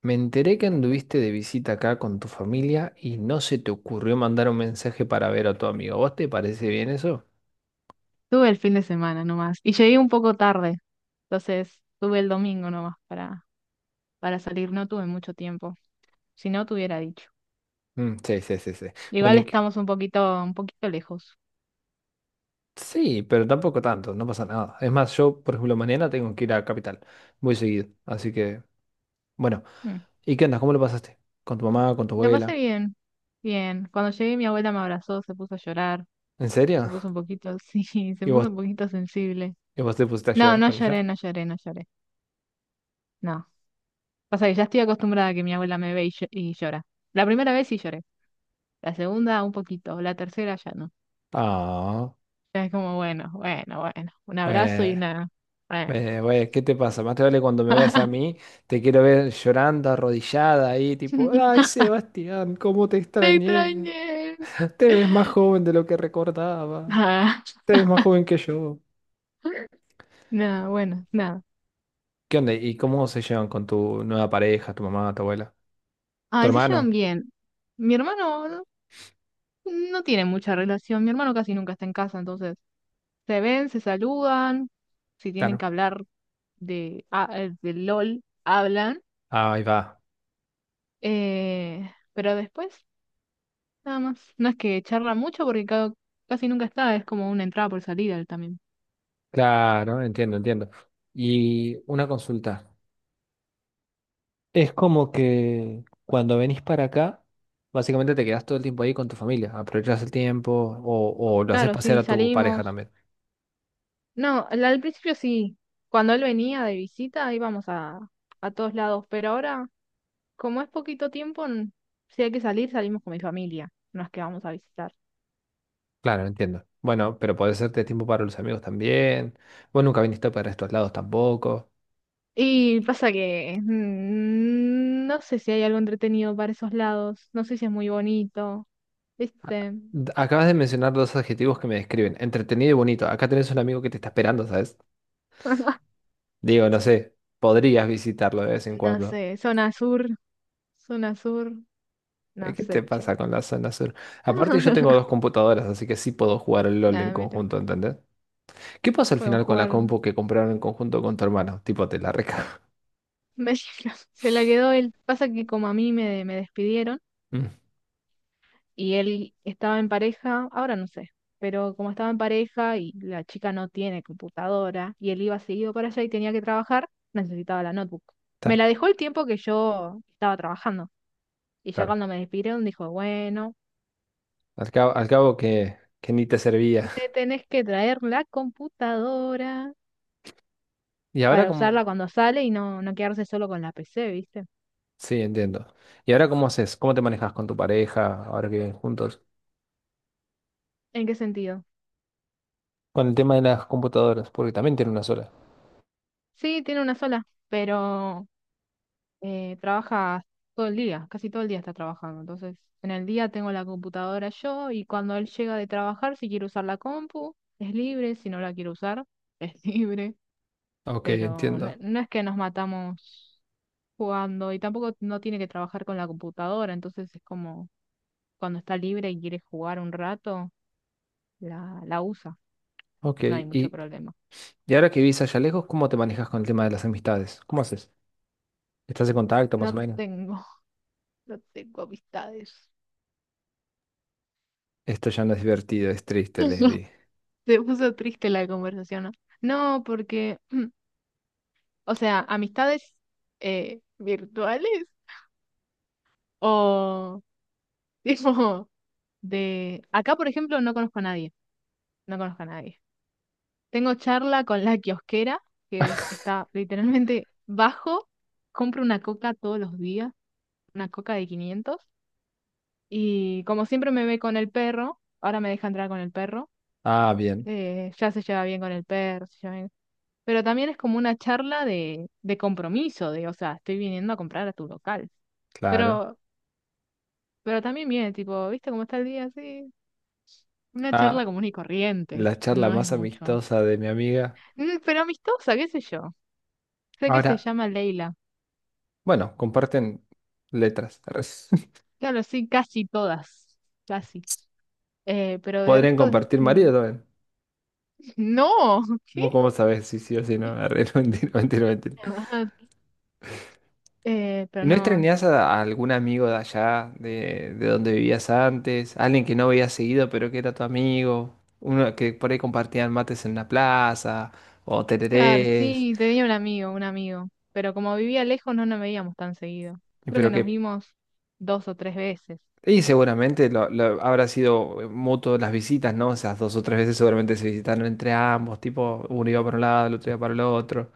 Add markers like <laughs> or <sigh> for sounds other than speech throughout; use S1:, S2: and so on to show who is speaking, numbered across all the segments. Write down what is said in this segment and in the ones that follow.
S1: Me enteré que anduviste de visita acá con tu familia y no se te ocurrió mandar un mensaje para ver a tu amigo. ¿Vos te parece bien eso?
S2: Tuve el fin de semana nomás. Y llegué un poco tarde. Entonces, tuve el domingo nomás para salir. No tuve mucho tiempo. Si no, te hubiera dicho.
S1: Mm, sí, sí, sí, sí. Bueno,
S2: Igual estamos un poquito lejos.
S1: sí, pero tampoco tanto, no pasa nada. Es más, yo, por ejemplo, mañana tengo que ir a Capital. Voy seguido, así que, bueno.
S2: Mm.
S1: ¿Y qué andas? ¿Cómo lo pasaste? ¿Con tu mamá, con tu
S2: La pasé
S1: abuela?
S2: bien. Bien. Cuando llegué, mi abuela me abrazó, se puso a llorar.
S1: ¿En
S2: Se
S1: serio?
S2: puso un
S1: <laughs>
S2: poquito, <laughs> sí, se
S1: ¿Y
S2: puso
S1: vos,
S2: un poquito sensible.
S1: y vos te pusiste a
S2: No,
S1: llorar
S2: no
S1: con
S2: lloré,
S1: ella?
S2: no lloré, no lloré. No. Pasa que ya estoy acostumbrada a que mi abuela me ve y y llora. La primera vez sí lloré. La segunda, un poquito. La tercera, ya no.
S1: Ah,
S2: Era como, bueno, bueno, bueno, un abrazo y
S1: bueno.
S2: una... Bueno,
S1: Güey, ¿qué te pasa? Más te vale cuando me veas a mí, te quiero ver llorando, arrodillada ahí, tipo, ay,
S2: <laughs>
S1: Sebastián, cómo te
S2: te
S1: extrañé.
S2: extrañé.
S1: Te ves más joven de lo que recordaba.
S2: Ah,
S1: Te ves más joven que yo.
S2: <laughs> nada, bueno, nada.
S1: ¿Qué onda? ¿Y cómo se llevan con tu nueva pareja, tu mamá, tu abuela?
S2: A
S1: ¿Tu
S2: veces llevan
S1: hermano?
S2: bien. Mi hermano no no tiene mucha relación, mi hermano casi nunca está en casa, entonces se ven, se saludan, si tienen que
S1: Claro.
S2: hablar de LOL, hablan,
S1: Ah, ahí va.
S2: eh, pero después nada más. No es que charla mucho porque casi nunca está, es como una entrada por salida él también.
S1: Claro, entiendo, entiendo. Y una consulta. Es como que cuando venís para acá, básicamente te quedas todo el tiempo ahí con tu familia, aprovechas el tiempo o lo haces
S2: Claro,
S1: pasear
S2: sí,
S1: a tu pareja
S2: salimos.
S1: también.
S2: No, al principio sí. Cuando él venía de visita íbamos a todos lados, pero ahora, como es poquito tiempo, si hay que salir, salimos con mi familia, no es que vamos a visitar.
S1: Claro, entiendo. Bueno, pero podés hacerte tiempo para los amigos también. Vos nunca viniste para estos lados tampoco.
S2: Y pasa que no sé si hay algo entretenido para esos lados, no sé si es muy bonito,
S1: A-
S2: ¿viste?
S1: Acabas de mencionar dos adjetivos que me describen, entretenido y bonito. Acá tenés un amigo que te está esperando, ¿sabes?
S2: <laughs>
S1: Digo, no sé, podrías visitarlo de vez en
S2: No
S1: cuando.
S2: sé, zona sur, no
S1: ¿Qué
S2: sé,
S1: te
S2: che.
S1: pasa con la zona sur? Aparte, yo tengo dos
S2: <laughs>
S1: computadoras, así que sí puedo jugar al LOL en
S2: Nada, mira,
S1: conjunto, ¿entendés? ¿Qué pasó al
S2: podemos
S1: final con la
S2: jugar.
S1: compu que compraron en conjunto con tu hermano? Tipo, te la reca. <laughs>
S2: <laughs> Se la quedó él. Pasa que como me despidieron.
S1: Mm,
S2: Y él estaba en pareja, ahora no sé, pero como estaba en pareja y la chica no tiene computadora y él iba seguido para allá y tenía que trabajar, necesitaba la notebook. Me la
S1: claro,
S2: dejó el tiempo que yo estaba trabajando y ya
S1: claro.
S2: cuando me despidieron dijo, bueno,
S1: Al cabo que ni te servía.
S2: te tenés que traer la computadora
S1: Y ahora
S2: para
S1: cómo...
S2: usarla cuando sale y no, no quedarse solo con la PC, ¿viste?
S1: Sí, entiendo. ¿Y ahora cómo haces? ¿Cómo te manejas con tu pareja ahora que viven juntos?
S2: ¿En qué sentido?
S1: Con el tema de las computadoras, porque también tiene una sola.
S2: Sí, tiene una sola, pero trabaja todo el día, casi todo el día está trabajando. Entonces, en el día tengo la computadora yo y cuando él llega de trabajar, si quiere usar la compu, es libre, si no la quiere usar, <laughs> es libre.
S1: Ok,
S2: Pero no,
S1: entiendo.
S2: no es que nos matamos jugando y tampoco no tiene que trabajar con la computadora, entonces es como cuando está libre y quiere jugar un rato, la usa,
S1: Ok,
S2: no hay mucho
S1: y,
S2: problema.
S1: y ahora que vivís allá lejos, ¿cómo te manejas con el tema de las amistades? ¿Cómo haces? ¿Estás en contacto más o
S2: No
S1: menos?
S2: tengo, <laughs> no tengo amistades.
S1: Esto ya no es divertido, es triste,
S2: <laughs>
S1: Leslie.
S2: Se puso triste la conversación, ¿no? No, porque <clears throat> O sea, amistades virtuales o <laughs> tipo de... Acá, por ejemplo, no conozco a nadie, no conozco a nadie. Tengo charla con la kiosquera, que está literalmente bajo, compro una coca todos los días, una coca de 500 y como siempre me ve con el perro, ahora me deja entrar con el perro,
S1: Ah, bien,
S2: ya se lleva bien con el perro, Pero también es como una charla de compromiso, de, o sea, estoy viniendo a comprar a tu local.
S1: claro.
S2: Pero Pero también viene, tipo, ¿viste cómo está el día? Así una charla
S1: Ah,
S2: común y corriente.
S1: la charla
S2: No es
S1: más
S2: mucho.
S1: amistosa de mi amiga.
S2: Mm, pero amistosa, qué sé yo. Sé que se
S1: Ahora,
S2: llama Leila.
S1: bueno, comparten letras. Arre. <laughs>
S2: Claro, sí, casi todas. Casi. Pero de
S1: Podrían
S2: resto,
S1: compartir
S2: mm,
S1: marido también.
S2: no. <laughs> ¿Qué?
S1: ¿Vos cómo sabés si sí o si no? Arre, <laughs> no, mentira, mentira, mentira.
S2: Ah, pero
S1: ¿Y no
S2: no.
S1: extrañás a algún amigo de allá, de donde vivías antes? Alguien que no veías seguido, pero que era tu amigo. Uno que por ahí compartían mates en la plaza, o
S2: Claro,
S1: tererés,
S2: sí, tenía un amigo, un amigo. Pero como vivía lejos, no nos veíamos tan seguido. Creo que
S1: pero que...
S2: nos vimos dos o tres veces.
S1: Y seguramente habrá sido mutuo las visitas, ¿no? O sea, dos o tres veces seguramente se visitaron entre ambos, tipo, uno iba para un lado, el otro iba para el otro.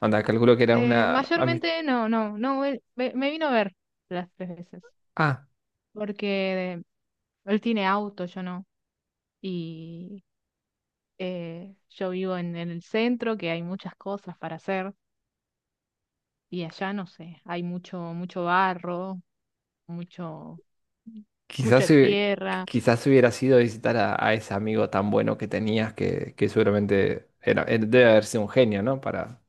S1: Anda, calculo que era una...
S2: Mayormente, no, no, no. Me vino a ver las tres veces.
S1: Ah,
S2: Porque él tiene auto, yo no. Y yo vivo en el centro, que hay muchas cosas para hacer, y allá no sé, hay mucho, mucho barro, mucho, mucha
S1: quizás, hu-
S2: tierra.
S1: quizás hubiera sido visitar a ese amigo tan bueno que tenías, que seguramente era, él debe haber sido un genio, ¿no?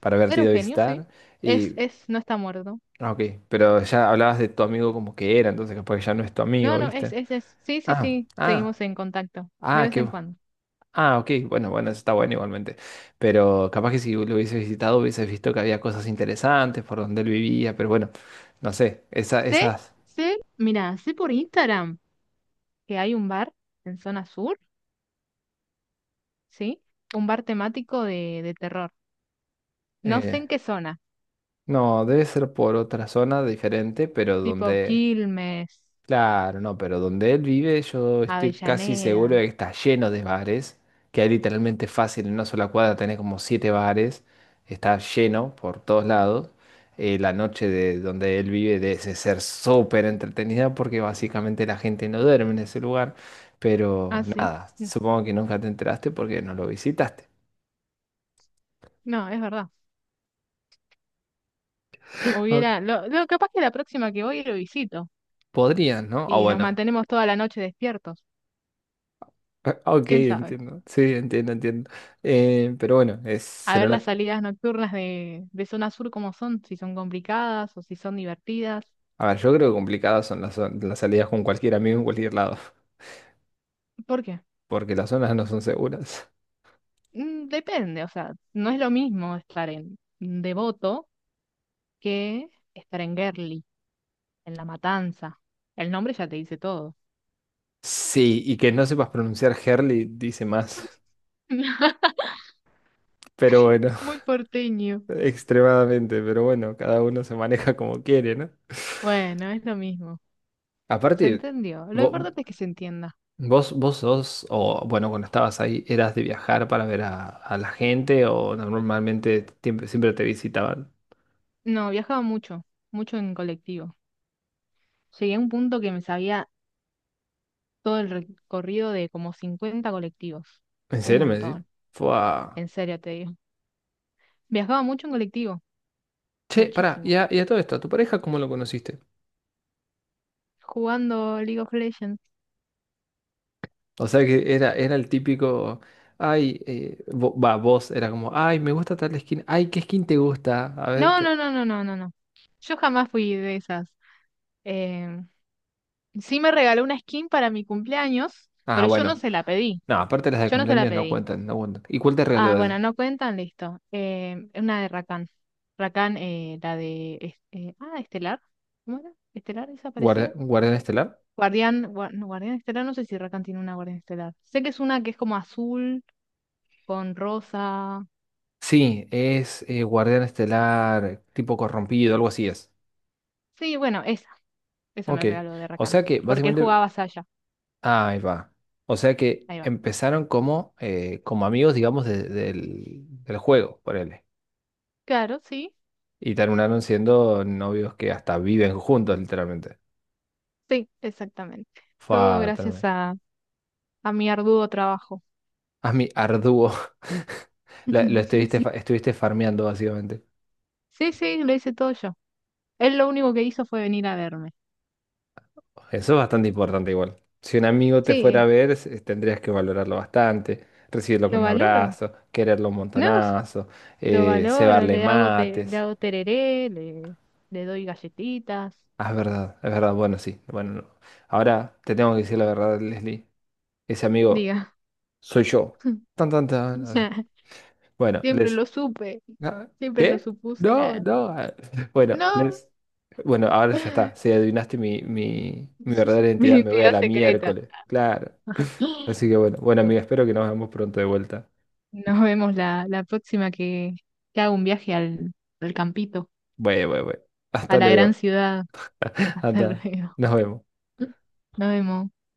S1: Para haberte
S2: Era un
S1: ido a
S2: genio, sí.
S1: visitar. Y,
S2: Es, no está muerto.
S1: ah, ok, pero ya hablabas de tu amigo como que era, entonces capaz que ya no es tu
S2: No,
S1: amigo,
S2: no,
S1: ¿viste?
S2: es, es. Sí, sí,
S1: Ah,
S2: sí,
S1: ah,
S2: seguimos en contacto, de
S1: ah,
S2: vez
S1: qué...
S2: en
S1: bu-
S2: cuando.
S1: Ah, ok, bueno, bueno, eso está bueno igualmente. Pero capaz que si lo hubieses visitado hubieses visto que había cosas interesantes por donde él vivía, pero bueno, no sé,
S2: Sé,
S1: esas...
S2: sé, mira, sé por Instagram que hay un bar en zona sur, ¿sí? Un bar temático de terror. No sé
S1: eh,
S2: en qué zona.
S1: No, debe ser por otra zona diferente, pero
S2: Tipo
S1: donde...
S2: Quilmes,
S1: Claro, no, pero donde él vive yo estoy casi seguro
S2: Avellaneda.
S1: de que está lleno de bares, que hay literalmente fácil en una sola cuadra tenés como siete bares, está lleno por todos lados. La noche de donde él vive debe ser súper entretenida porque básicamente la gente no duerme en ese lugar, pero
S2: Ah, sí.
S1: nada,
S2: No,
S1: supongo que nunca te enteraste porque no lo visitaste.
S2: no, es verdad.
S1: Ah,
S2: Hubiera, capaz que la próxima que voy lo visito
S1: podrías, ¿no? O
S2: y nos
S1: bueno,
S2: mantenemos toda la noche despiertos.
S1: ah, ok,
S2: ¿Quién sabe?
S1: entiendo. Sí, entiendo, entiendo. Pero bueno, es,
S2: A
S1: será
S2: ver las
S1: una...
S2: salidas nocturnas de zona sur cómo son, si son complicadas o si son divertidas.
S1: A ver, yo creo que complicadas son las salidas con cualquier amigo en cualquier lado,
S2: ¿Por qué?
S1: <laughs> porque las zonas no son seguras.
S2: Mm, depende, o sea, no es lo mismo estar en Devoto que estar en Gerli, en La Matanza. El nombre ya te dice todo.
S1: Sí, y que no sepas pronunciar Herli dice más.
S2: <laughs>
S1: Pero bueno,
S2: Muy porteño.
S1: <laughs> extremadamente, pero bueno, cada uno se maneja como quiere, ¿no?
S2: Bueno, es lo mismo. Se
S1: Aparte,
S2: entendió. Lo
S1: vo-
S2: importante es que se entienda.
S1: vos sos, o bueno, cuando estabas ahí, ¿eras de viajar para ver a la gente o normalmente siempre te visitaban?
S2: No, viajaba mucho, mucho en colectivo. Llegué a un punto que me sabía todo el recorrido de como 50 colectivos.
S1: ¿En
S2: Un
S1: serio me decís?
S2: montón,
S1: Fua.
S2: en serio te digo. Viajaba mucho en colectivo,
S1: Che, pará,
S2: muchísimo.
S1: y a todo esto, ¿a tu pareja cómo lo conociste?
S2: Jugando League of Legends.
S1: O sea que era, era el típico, ay, vos era como, ay, me gusta tal skin, ay, ¿qué skin te gusta? A ver,
S2: No,
S1: te-
S2: no, no, no, no, no, no. Yo jamás fui de esas. Eh, sí me regaló una skin para mi cumpleaños,
S1: Ah,
S2: pero yo no
S1: bueno,
S2: se la pedí.
S1: no, aparte las de
S2: Yo no se la
S1: cumpleaños no
S2: pedí.
S1: cuentan, no cuentan. ¿Y cuál te
S2: Ah,
S1: regaló?
S2: bueno, no cuentan, listo. Una de Rakan. Rakan, la de... es- ah, Estelar. ¿Cómo era? ¿Estelar esa parecida?
S1: ¿Guardián Estelar?
S2: Guardián Estelar, no sé si Rakan tiene una Guardián Estelar. Sé que es una que es como azul, con rosa.
S1: Sí, es Guardián Estelar tipo corrompido, algo así es.
S2: Sí, bueno, esa. Esa
S1: Ok,
S2: me regaló de
S1: o
S2: Rakan.
S1: sea que
S2: Porque él
S1: básicamente
S2: jugaba Saya.
S1: ahí va. O sea que
S2: Ahí va.
S1: empezaron como, como amigos, digamos, del juego, ponele.
S2: Claro, sí.
S1: Y terminaron siendo novios que hasta viven juntos, literalmente.
S2: Sí, exactamente. Todo
S1: Fue
S2: gracias
S1: tremendo.
S2: a mi arduo trabajo.
S1: A arduo. <laughs>
S2: <laughs>
S1: Estuviste farmeando, básicamente.
S2: Sí, sí, lo hice todo yo. Él lo único que hizo fue venir a verme.
S1: Eso es bastante importante igual. Si un amigo te fuera a
S2: Sí,
S1: ver, tendrías que valorarlo bastante, recibirlo con
S2: lo
S1: un
S2: valoro.
S1: abrazo, quererlo un
S2: No, s-
S1: montonazo,
S2: lo valoro,
S1: cebarle
S2: le
S1: mates.
S2: hago tereré, le doy galletitas,
S1: Ah, es verdad, es verdad. Bueno, sí. Bueno, no. Ahora te tengo que decir la verdad, Leslie. Ese amigo
S2: diga.
S1: soy yo.
S2: <laughs>
S1: Tan, tan, tan.
S2: O
S1: Así.
S2: sea,
S1: Bueno,
S2: siempre
S1: Les.
S2: lo supe,
S1: Ah,
S2: siempre lo
S1: ¿qué?
S2: supuse.
S1: No, no. Ah, <laughs> bueno,
S2: No,
S1: Les. Bueno, ahora ya está. Si
S2: <laughs>
S1: adivinaste mi verdadera
S2: mi
S1: identidad, me voy a
S2: identidad
S1: la
S2: secreta.
S1: miércoles. Claro. Así que bueno, bueno,
S2: Bueno,
S1: amiga, espero que nos veamos pronto de vuelta.
S2: nos vemos la próxima que haga un viaje al campito,
S1: Bueno, bueno, bueno.
S2: a
S1: Hasta
S2: la gran
S1: luego.
S2: ciudad.
S1: <laughs>
S2: Hasta <laughs>
S1: Hasta.
S2: luego.
S1: Nos vemos.
S2: Nos vemos.